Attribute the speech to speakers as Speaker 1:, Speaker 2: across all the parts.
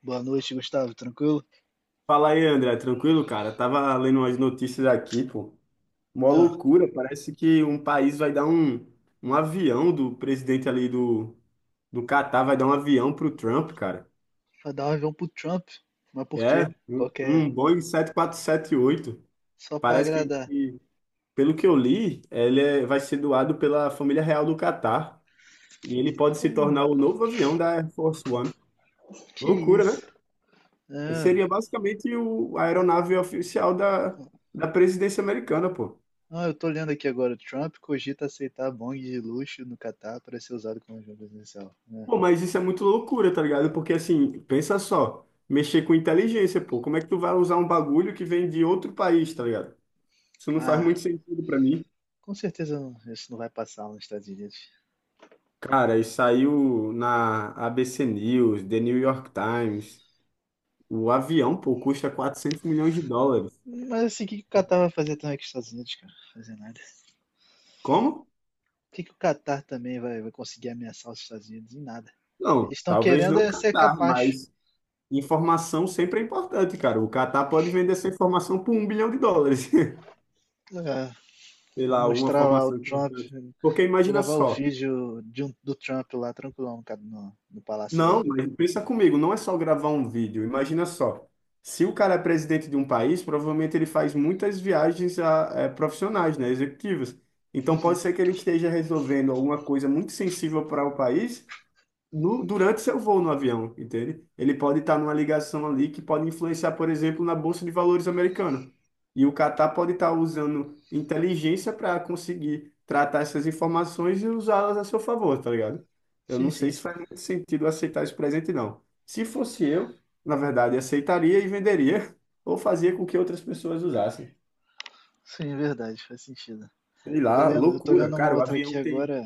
Speaker 1: Boa noite, Gustavo. Tranquilo?
Speaker 2: Fala aí, André, tranquilo, cara? Tava lendo umas notícias aqui, pô. Mó
Speaker 1: Não,
Speaker 2: loucura, parece que um país vai dar um avião do presidente ali do Catar, vai dar um avião pro Trump, cara.
Speaker 1: vai dar um avião pro Trump. Mas por
Speaker 2: É,
Speaker 1: quê?
Speaker 2: um
Speaker 1: Qualquer.
Speaker 2: um Boeing 747-8.
Speaker 1: Só pra
Speaker 2: Parece que,
Speaker 1: agradar.
Speaker 2: que, pelo que eu li, vai ser doado pela família real do Catar. E ele pode se
Speaker 1: Pô,
Speaker 2: tornar o novo avião da Air Force One.
Speaker 1: que
Speaker 2: Loucura, né?
Speaker 1: isso? Ah,
Speaker 2: Seria basicamente a aeronave oficial da presidência americana, pô.
Speaker 1: ah, eu tô lendo aqui agora. Trump cogita aceitar bong de luxo no Catar para ser usado como avião presidencial, né?
Speaker 2: Pô, mas isso é muito loucura, tá ligado? Porque assim, pensa só, mexer com inteligência, pô, como é que tu vai usar um bagulho que vem de outro país, tá ligado? Isso não faz
Speaker 1: Ah,
Speaker 2: muito sentido pra mim.
Speaker 1: com certeza isso não vai passar lá nos Estados Unidos.
Speaker 2: Cara, e saiu na ABC News, The New York Times. O avião, pô, custa 400 milhões de dólares.
Speaker 1: Mas assim, o que o Catar vai fazer também com os Estados Unidos, cara? Fazer nada.
Speaker 2: Como?
Speaker 1: O que o Catar também vai conseguir ameaçar os Estados Unidos? Em nada.
Speaker 2: Não,
Speaker 1: Eles estão
Speaker 2: talvez
Speaker 1: querendo
Speaker 2: não
Speaker 1: é ser
Speaker 2: Catar,
Speaker 1: capaz.
Speaker 2: mas informação sempre é importante, cara. O Catar pode vender essa informação por um bilhão de dólares.
Speaker 1: Ah,
Speaker 2: Sei
Speaker 1: vou
Speaker 2: lá, alguma
Speaker 1: mostrar lá o
Speaker 2: informação
Speaker 1: Trump,
Speaker 2: importante. Porque imagina
Speaker 1: gravar o
Speaker 2: só.
Speaker 1: vídeo do Trump lá, tranquilão, cara, no Palácio
Speaker 2: Não,
Speaker 1: Voador.
Speaker 2: mas pensa comigo, não é só gravar um vídeo. Imagina só, se o cara é presidente de um país, provavelmente ele faz muitas viagens profissionais, né, executivas. Então pode ser que ele esteja resolvendo alguma coisa muito sensível para o país durante seu voo no avião, entende? Ele pode estar numa ligação ali que pode influenciar, por exemplo, na Bolsa de Valores americana. E o Catar pode estar usando inteligência para conseguir tratar essas informações e usá-las a seu favor, tá ligado? Eu
Speaker 1: Sim,
Speaker 2: não sei
Speaker 1: sim.
Speaker 2: se faz muito sentido aceitar esse presente, não. Se fosse eu, na verdade, aceitaria e venderia, ou fazia com que outras pessoas usassem.
Speaker 1: Sim, verdade, faz sentido.
Speaker 2: Sei lá,
Speaker 1: Eu tô
Speaker 2: loucura.
Speaker 1: lendo uma
Speaker 2: Cara, o
Speaker 1: outra
Speaker 2: avião
Speaker 1: aqui
Speaker 2: tem.
Speaker 1: agora,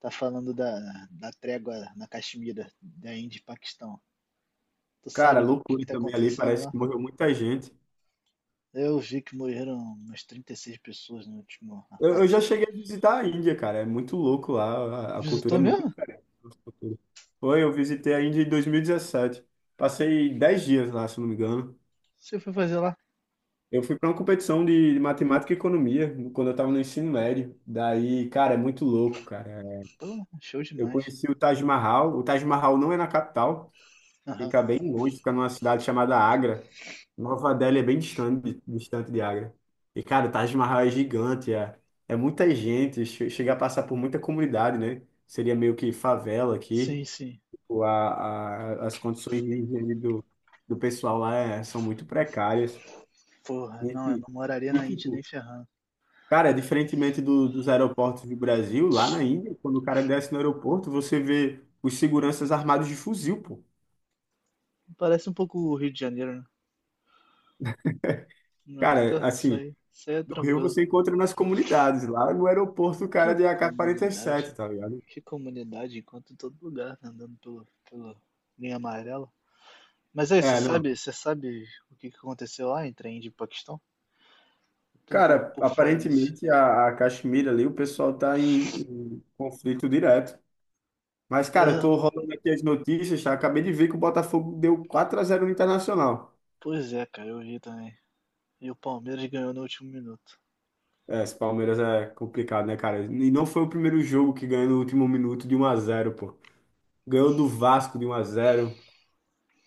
Speaker 1: tá falando da trégua na Caxemira, da Índia e Paquistão. Tu
Speaker 2: Cara,
Speaker 1: sabe o que
Speaker 2: loucura
Speaker 1: que tá
Speaker 2: também ali.
Speaker 1: acontecendo
Speaker 2: Parece
Speaker 1: lá?
Speaker 2: que morreu muita gente.
Speaker 1: Eu vi que morreram umas 36 pessoas no último
Speaker 2: Eu
Speaker 1: ataque.
Speaker 2: já cheguei a visitar a Índia, cara. É muito louco lá. A cultura é
Speaker 1: Visitou
Speaker 2: muito
Speaker 1: mesmo?
Speaker 2: diferente da nossa cultura. Foi, eu visitei a Índia em 2017. Passei 10 dias lá, se não me engano.
Speaker 1: Você foi fazer lá?
Speaker 2: Eu fui para uma competição de matemática e economia quando eu estava no ensino médio. Daí, cara, é muito louco, cara.
Speaker 1: Pô, show
Speaker 2: Eu
Speaker 1: demais.
Speaker 2: conheci o Taj Mahal. O Taj Mahal não é na capital.
Speaker 1: Aham.
Speaker 2: Fica bem longe, fica numa cidade chamada Agra. Nova Delhi é bem distante, distante de Agra. E, cara, o Taj Mahal é gigante, é, é muita gente, chega a passar por muita comunidade, né? Seria meio que favela aqui.
Speaker 1: Sim, sim.
Speaker 2: Tipo, as condições de higiene do pessoal lá é- são muito precárias.
Speaker 1: Porra,
Speaker 2: E,
Speaker 1: não, eu
Speaker 2: e,
Speaker 1: não moraria na
Speaker 2: e,
Speaker 1: Índia nem
Speaker 2: tipo,
Speaker 1: ferrando.
Speaker 2: cara, é diferentemente dos aeroportos do Brasil, lá na Índia, quando o cara desce no aeroporto, você vê os seguranças armados de fuzil, pô.
Speaker 1: Parece um pouco o Rio de Janeiro, né? Nossa,
Speaker 2: Cara,
Speaker 1: tá,
Speaker 2: assim.
Speaker 1: isso aí é
Speaker 2: No Rio
Speaker 1: tranquilo.
Speaker 2: você encontra nas comunidades, lá no aeroporto o
Speaker 1: Que
Speaker 2: cara de AK-47,
Speaker 1: comunidade.
Speaker 2: tá ligado?
Speaker 1: Que comunidade enquanto em todo lugar, né? Andando pelo, pela linha amarela. Mas aí,
Speaker 2: É, não.
Speaker 1: você sabe o que que aconteceu lá entre a Índia e o Paquistão? Eu tô um pouco
Speaker 2: Cara,
Speaker 1: por fora desse.
Speaker 2: aparentemente a Caxemira ali, o pessoal tá em conflito direto. Mas,
Speaker 1: Mas,
Speaker 2: cara, eu
Speaker 1: ah,
Speaker 2: tô rolando aqui as notícias, tá? Acabei de ver que o Botafogo deu 4-0 no Internacional.
Speaker 1: pois é, cara, eu vi também. E o Palmeiras ganhou no último minuto.
Speaker 2: É, esse Palmeiras é complicado, né, cara? E não foi o primeiro jogo que ganhou no último minuto de 1-0, pô. Ganhou do Vasco de 1-0.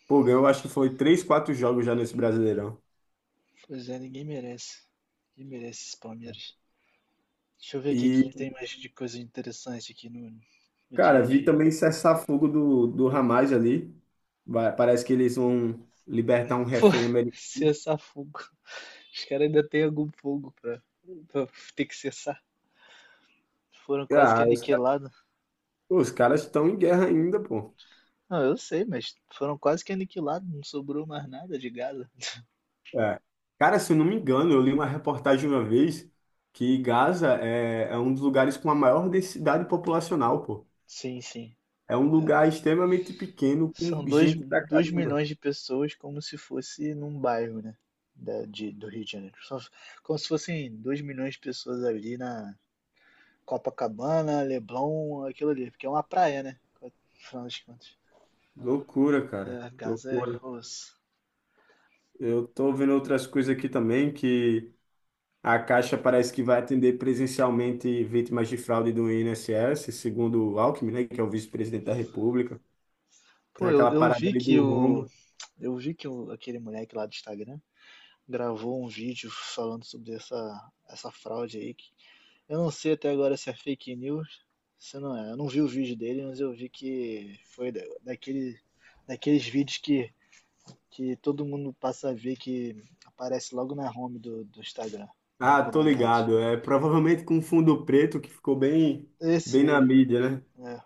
Speaker 2: Pô, ganhou, acho que foi 3 4 jogos já nesse Brasileirão.
Speaker 1: Pois é, ninguém merece. Ninguém merece esse Palmeiras. Deixa eu ver aqui o que que
Speaker 2: E
Speaker 1: tem mais de coisa interessante aqui no, dia
Speaker 2: cara,
Speaker 1: a
Speaker 2: vi
Speaker 1: dia.
Speaker 2: também cessar-fogo do Hamas ali. Parece que eles vão libertar um
Speaker 1: Pô,
Speaker 2: refém americano.
Speaker 1: cessar fogo. Os caras ainda têm algum fogo pra ter que cessar. Foram quase que
Speaker 2: Ah, os caras,
Speaker 1: aniquilados.
Speaker 2: pô, os caras estão em guerra ainda, pô.
Speaker 1: Não, eu sei, mas foram quase que aniquilados. Não sobrou mais nada de Gaza.
Speaker 2: É. Cara, se eu não me engano, eu li uma reportagem uma vez que Gaza é um dos lugares com a maior densidade populacional, pô.
Speaker 1: Sim, sim.
Speaker 2: É um
Speaker 1: É.
Speaker 2: lugar extremamente pequeno,
Speaker 1: São
Speaker 2: com
Speaker 1: 2
Speaker 2: gente pra
Speaker 1: dois
Speaker 2: caramba.
Speaker 1: milhões de pessoas, como se fosse num bairro, né? Da, de, do Rio de Janeiro. Só, como se fossem 2 milhões de pessoas ali na Copacabana, Leblon, aquilo ali. Porque é uma praia, né? Afinal das contas.
Speaker 2: Loucura, cara.
Speaker 1: É, Gaza é...
Speaker 2: Loucura.
Speaker 1: pô.
Speaker 2: Eu tô vendo outras coisas aqui também que. A Caixa parece que vai atender presencialmente vítimas de fraude do INSS, segundo o Alckmin, né, que é o vice-presidente da República. Tem
Speaker 1: Pô, eu,
Speaker 2: aquela
Speaker 1: eu
Speaker 2: parada
Speaker 1: vi
Speaker 2: ali
Speaker 1: que
Speaker 2: do
Speaker 1: o.
Speaker 2: rombo.
Speaker 1: Eu vi que aquele moleque lá do Instagram gravou um vídeo falando sobre essa fraude aí. Que eu não sei até agora se é fake news, se não é. Eu não vi o vídeo dele, mas eu vi que foi daqueles vídeos que todo mundo passa a ver que aparece logo na home do Instagram, em
Speaker 2: Ah, tô
Speaker 1: recomendados.
Speaker 2: ligado. É provavelmente com um fundo preto que ficou bem,
Speaker 1: Esse
Speaker 2: bem na
Speaker 1: aí,
Speaker 2: mídia, né?
Speaker 1: é,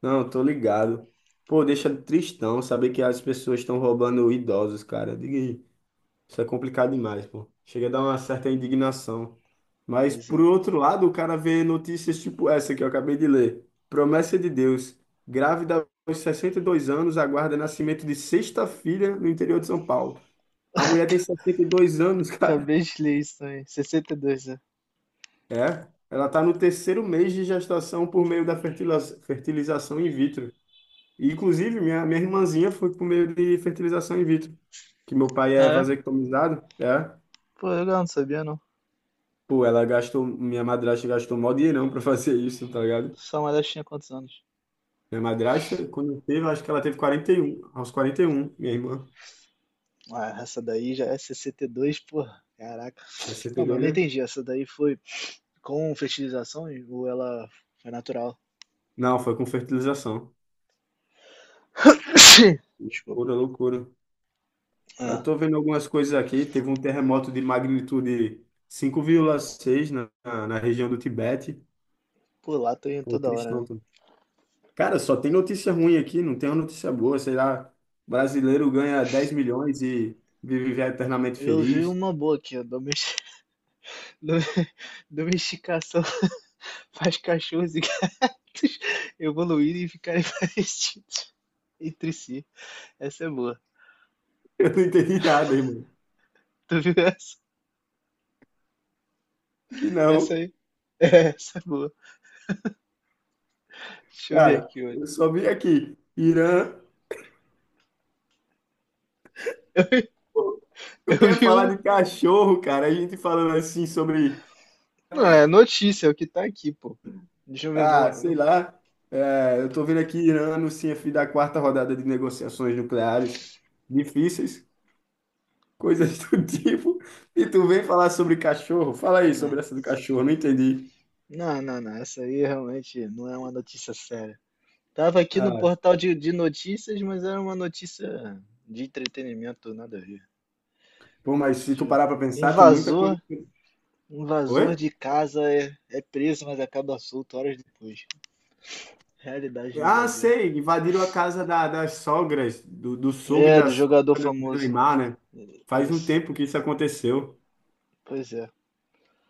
Speaker 2: Não, tô ligado. Pô, deixa tristão saber que as pessoas estão roubando idosos, cara. Diga. Isso é complicado demais, pô. Chega a dar uma certa indignação. Mas,
Speaker 1: pois
Speaker 2: por
Speaker 1: é.
Speaker 2: outro lado, o cara vê notícias tipo essa que eu acabei de ler. Promessa de Deus. Grávida aos 62 anos aguarda nascimento de sexta filha no interior de São Paulo. A mulher tem 62 anos, cara.
Speaker 1: Acabei de ler isso aí, 62, né?
Speaker 2: É. Ela tá no terceiro mês de gestação por meio da fertilização in vitro. E, inclusive, minha irmãzinha foi por meio de fertilização in vitro. Que meu pai é
Speaker 1: Ah, é?
Speaker 2: vasectomizado. É.
Speaker 1: Pô, legal, não sabia não.
Speaker 2: Pô, ela gastou, minha madrasta gastou mó dinheirão pra fazer isso, tá ligado?
Speaker 1: São elas tinha quantos anos?
Speaker 2: Minha madrasta, quando teve, acho que ela teve 41, aos 41, minha irmã.
Speaker 1: Ah, essa daí já é cct dois porra. Caraca. Não, mas eu
Speaker 2: 62,
Speaker 1: não
Speaker 2: né?
Speaker 1: entendi. Essa daí foi com fertilização ou ela foi natural?
Speaker 2: Não, foi com fertilização.
Speaker 1: Desculpa.
Speaker 2: Pura loucura. Eu
Speaker 1: É.
Speaker 2: tô vendo algumas coisas aqui, teve um terremoto de magnitude 5,6 na região do Tibete.
Speaker 1: Pô, lá tô indo
Speaker 2: Pô,
Speaker 1: toda hora,
Speaker 2: tristão.
Speaker 1: né?
Speaker 2: Cara, só tem notícia ruim aqui, não tem uma notícia boa, sei lá. Brasileiro ganha 10 milhões e vive eternamente
Speaker 1: Eu vi
Speaker 2: feliz.
Speaker 1: uma boa aqui, ó. Dom- domesticação faz cachorros e gatos evoluírem e ficarem parecidos entre si. Essa é boa.
Speaker 2: Eu não entendi nada, irmão.
Speaker 1: Tu viu essa?
Speaker 2: Vi
Speaker 1: Essa
Speaker 2: não.
Speaker 1: aí? É, essa é boa. Deixa eu ver
Speaker 2: Cara,
Speaker 1: aqui
Speaker 2: eu
Speaker 1: outra.
Speaker 2: só vi aqui. Irã. Pô, tu
Speaker 1: Eu
Speaker 2: quer
Speaker 1: vi
Speaker 2: falar
Speaker 1: uma.
Speaker 2: de cachorro, cara? A gente falando assim sobre.
Speaker 1: Não,
Speaker 2: Então,
Speaker 1: é notícia, é o que tá aqui, pô. Deixa eu ver
Speaker 2: ah,
Speaker 1: uma.
Speaker 2: sei lá. É, eu tô vendo aqui Irã anuncia fim da quarta rodada de negociações nucleares difíceis, coisas do tipo. E tu vem falar sobre cachorro? Fala aí
Speaker 1: Não,
Speaker 2: sobre essa do cachorro, não entendi.
Speaker 1: não, não, não. Essa aí realmente não é uma notícia séria. Tava aqui no
Speaker 2: Ah,
Speaker 1: portal de notícias, mas era uma notícia de entretenimento, nada a ver.
Speaker 2: pô, mas se
Speaker 1: Deixa
Speaker 2: tu
Speaker 1: eu ver.
Speaker 2: parar pra pensar, tem muita coisa.
Speaker 1: Invasor, invasor
Speaker 2: Oi?
Speaker 1: de casa é preso, mas acaba solto horas depois. Realidade no
Speaker 2: Ah,
Speaker 1: Brasil.
Speaker 2: sei, invadiram a casa da- das sogras, do sogro e
Speaker 1: É,
Speaker 2: da
Speaker 1: do jogador
Speaker 2: sogra do
Speaker 1: famoso.
Speaker 2: Neymar, né? Faz um
Speaker 1: Isso.
Speaker 2: tempo que isso aconteceu.
Speaker 1: Pois é.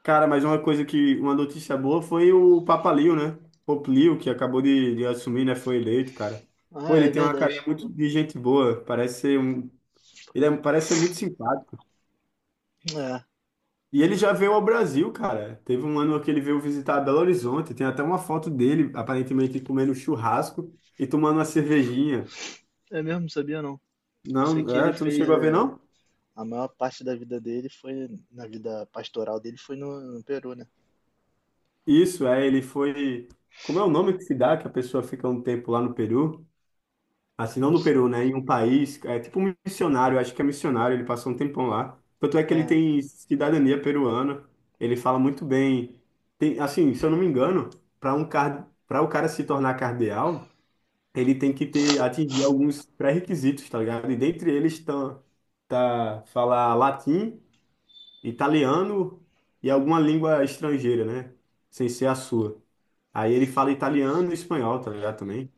Speaker 2: Cara, mas uma coisa que, uma notícia boa foi o Papa Leo, né? Pope Leo, que acabou de assumir, né? Foi eleito, cara.
Speaker 1: Ah,
Speaker 2: Pô,
Speaker 1: é
Speaker 2: ele tem uma
Speaker 1: verdade.
Speaker 2: carinha muito de gente boa, parece ser um, parece ser muito simpático.
Speaker 1: É.
Speaker 2: E ele já veio ao Brasil, cara. Teve um ano que ele veio visitar Belo Horizonte, tem até uma foto dele, aparentemente comendo churrasco e tomando uma cervejinha.
Speaker 1: É mesmo, sabia não. Eu sei
Speaker 2: Não,
Speaker 1: que ele
Speaker 2: é, tu não
Speaker 1: fez.
Speaker 2: chegou a ver,
Speaker 1: É,
Speaker 2: não?
Speaker 1: a maior parte da vida dele foi, na vida pastoral dele, foi no, no Peru, né?
Speaker 2: Isso, é, ele foi. Como é o nome que se dá que a pessoa fica um tempo lá no Peru? Assim, não
Speaker 1: Não
Speaker 2: no
Speaker 1: sei.
Speaker 2: Peru, né? Em um país, é tipo um missionário, acho que é missionário, ele passou um tempão lá. Tanto é que ele
Speaker 1: Ah,
Speaker 2: tem cidadania peruana, ele fala muito bem. Tem, assim, se eu não me engano, para o cara se tornar cardeal, ele tem que ter atingir alguns pré-requisitos, tá ligado? E dentre eles estão tá falar latim, italiano e alguma língua estrangeira, né? Sem ser a sua. Aí ele fala italiano e espanhol, tá ligado? Também.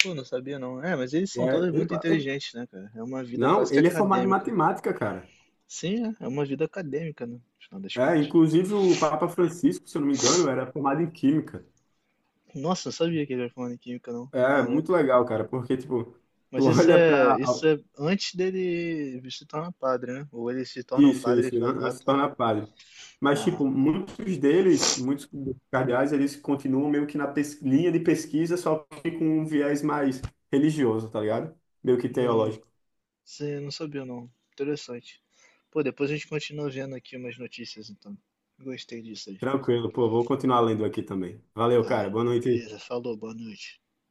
Speaker 1: pô, não sabia não. É, mas eles
Speaker 2: É,
Speaker 1: são todos muito inteligentes, né, cara? É uma vida
Speaker 2: não,
Speaker 1: quase que
Speaker 2: ele é formado em
Speaker 1: acadêmica.
Speaker 2: matemática, cara.
Speaker 1: Sim, é, é uma vida acadêmica, né? No final das
Speaker 2: É,
Speaker 1: contas.
Speaker 2: inclusive o Papa Francisco, se eu não me engano, era formado em química.
Speaker 1: Nossa, não sabia que ele era formado em química, não.
Speaker 2: É, muito
Speaker 1: Caraca.
Speaker 2: legal, cara, porque, tipo,
Speaker 1: Mas
Speaker 2: tu olha pra.
Speaker 1: isso é antes dele se tornar padre, né? Ou ele se torna um
Speaker 2: Isso,
Speaker 1: padre e
Speaker 2: isso, né,
Speaker 1: faz.
Speaker 2: né,
Speaker 1: Ah,
Speaker 2: se
Speaker 1: tá.
Speaker 2: torna padre. Mas,
Speaker 1: Aham.
Speaker 2: tipo, muitos deles, muitos cardeais, eles continuam meio que na linha de pesquisa, só que com um viés mais religioso, tá ligado? Meio que
Speaker 1: Não,
Speaker 2: teológico.
Speaker 1: sim, não sabia não. Interessante. Pô, depois a gente continua vendo aqui umas notícias, então. Gostei disso aí.
Speaker 2: Tranquilo, pô, vou continuar lendo aqui também. Valeu, cara.
Speaker 1: Tá,
Speaker 2: Boa noite.
Speaker 1: beleza, falou, boa noite.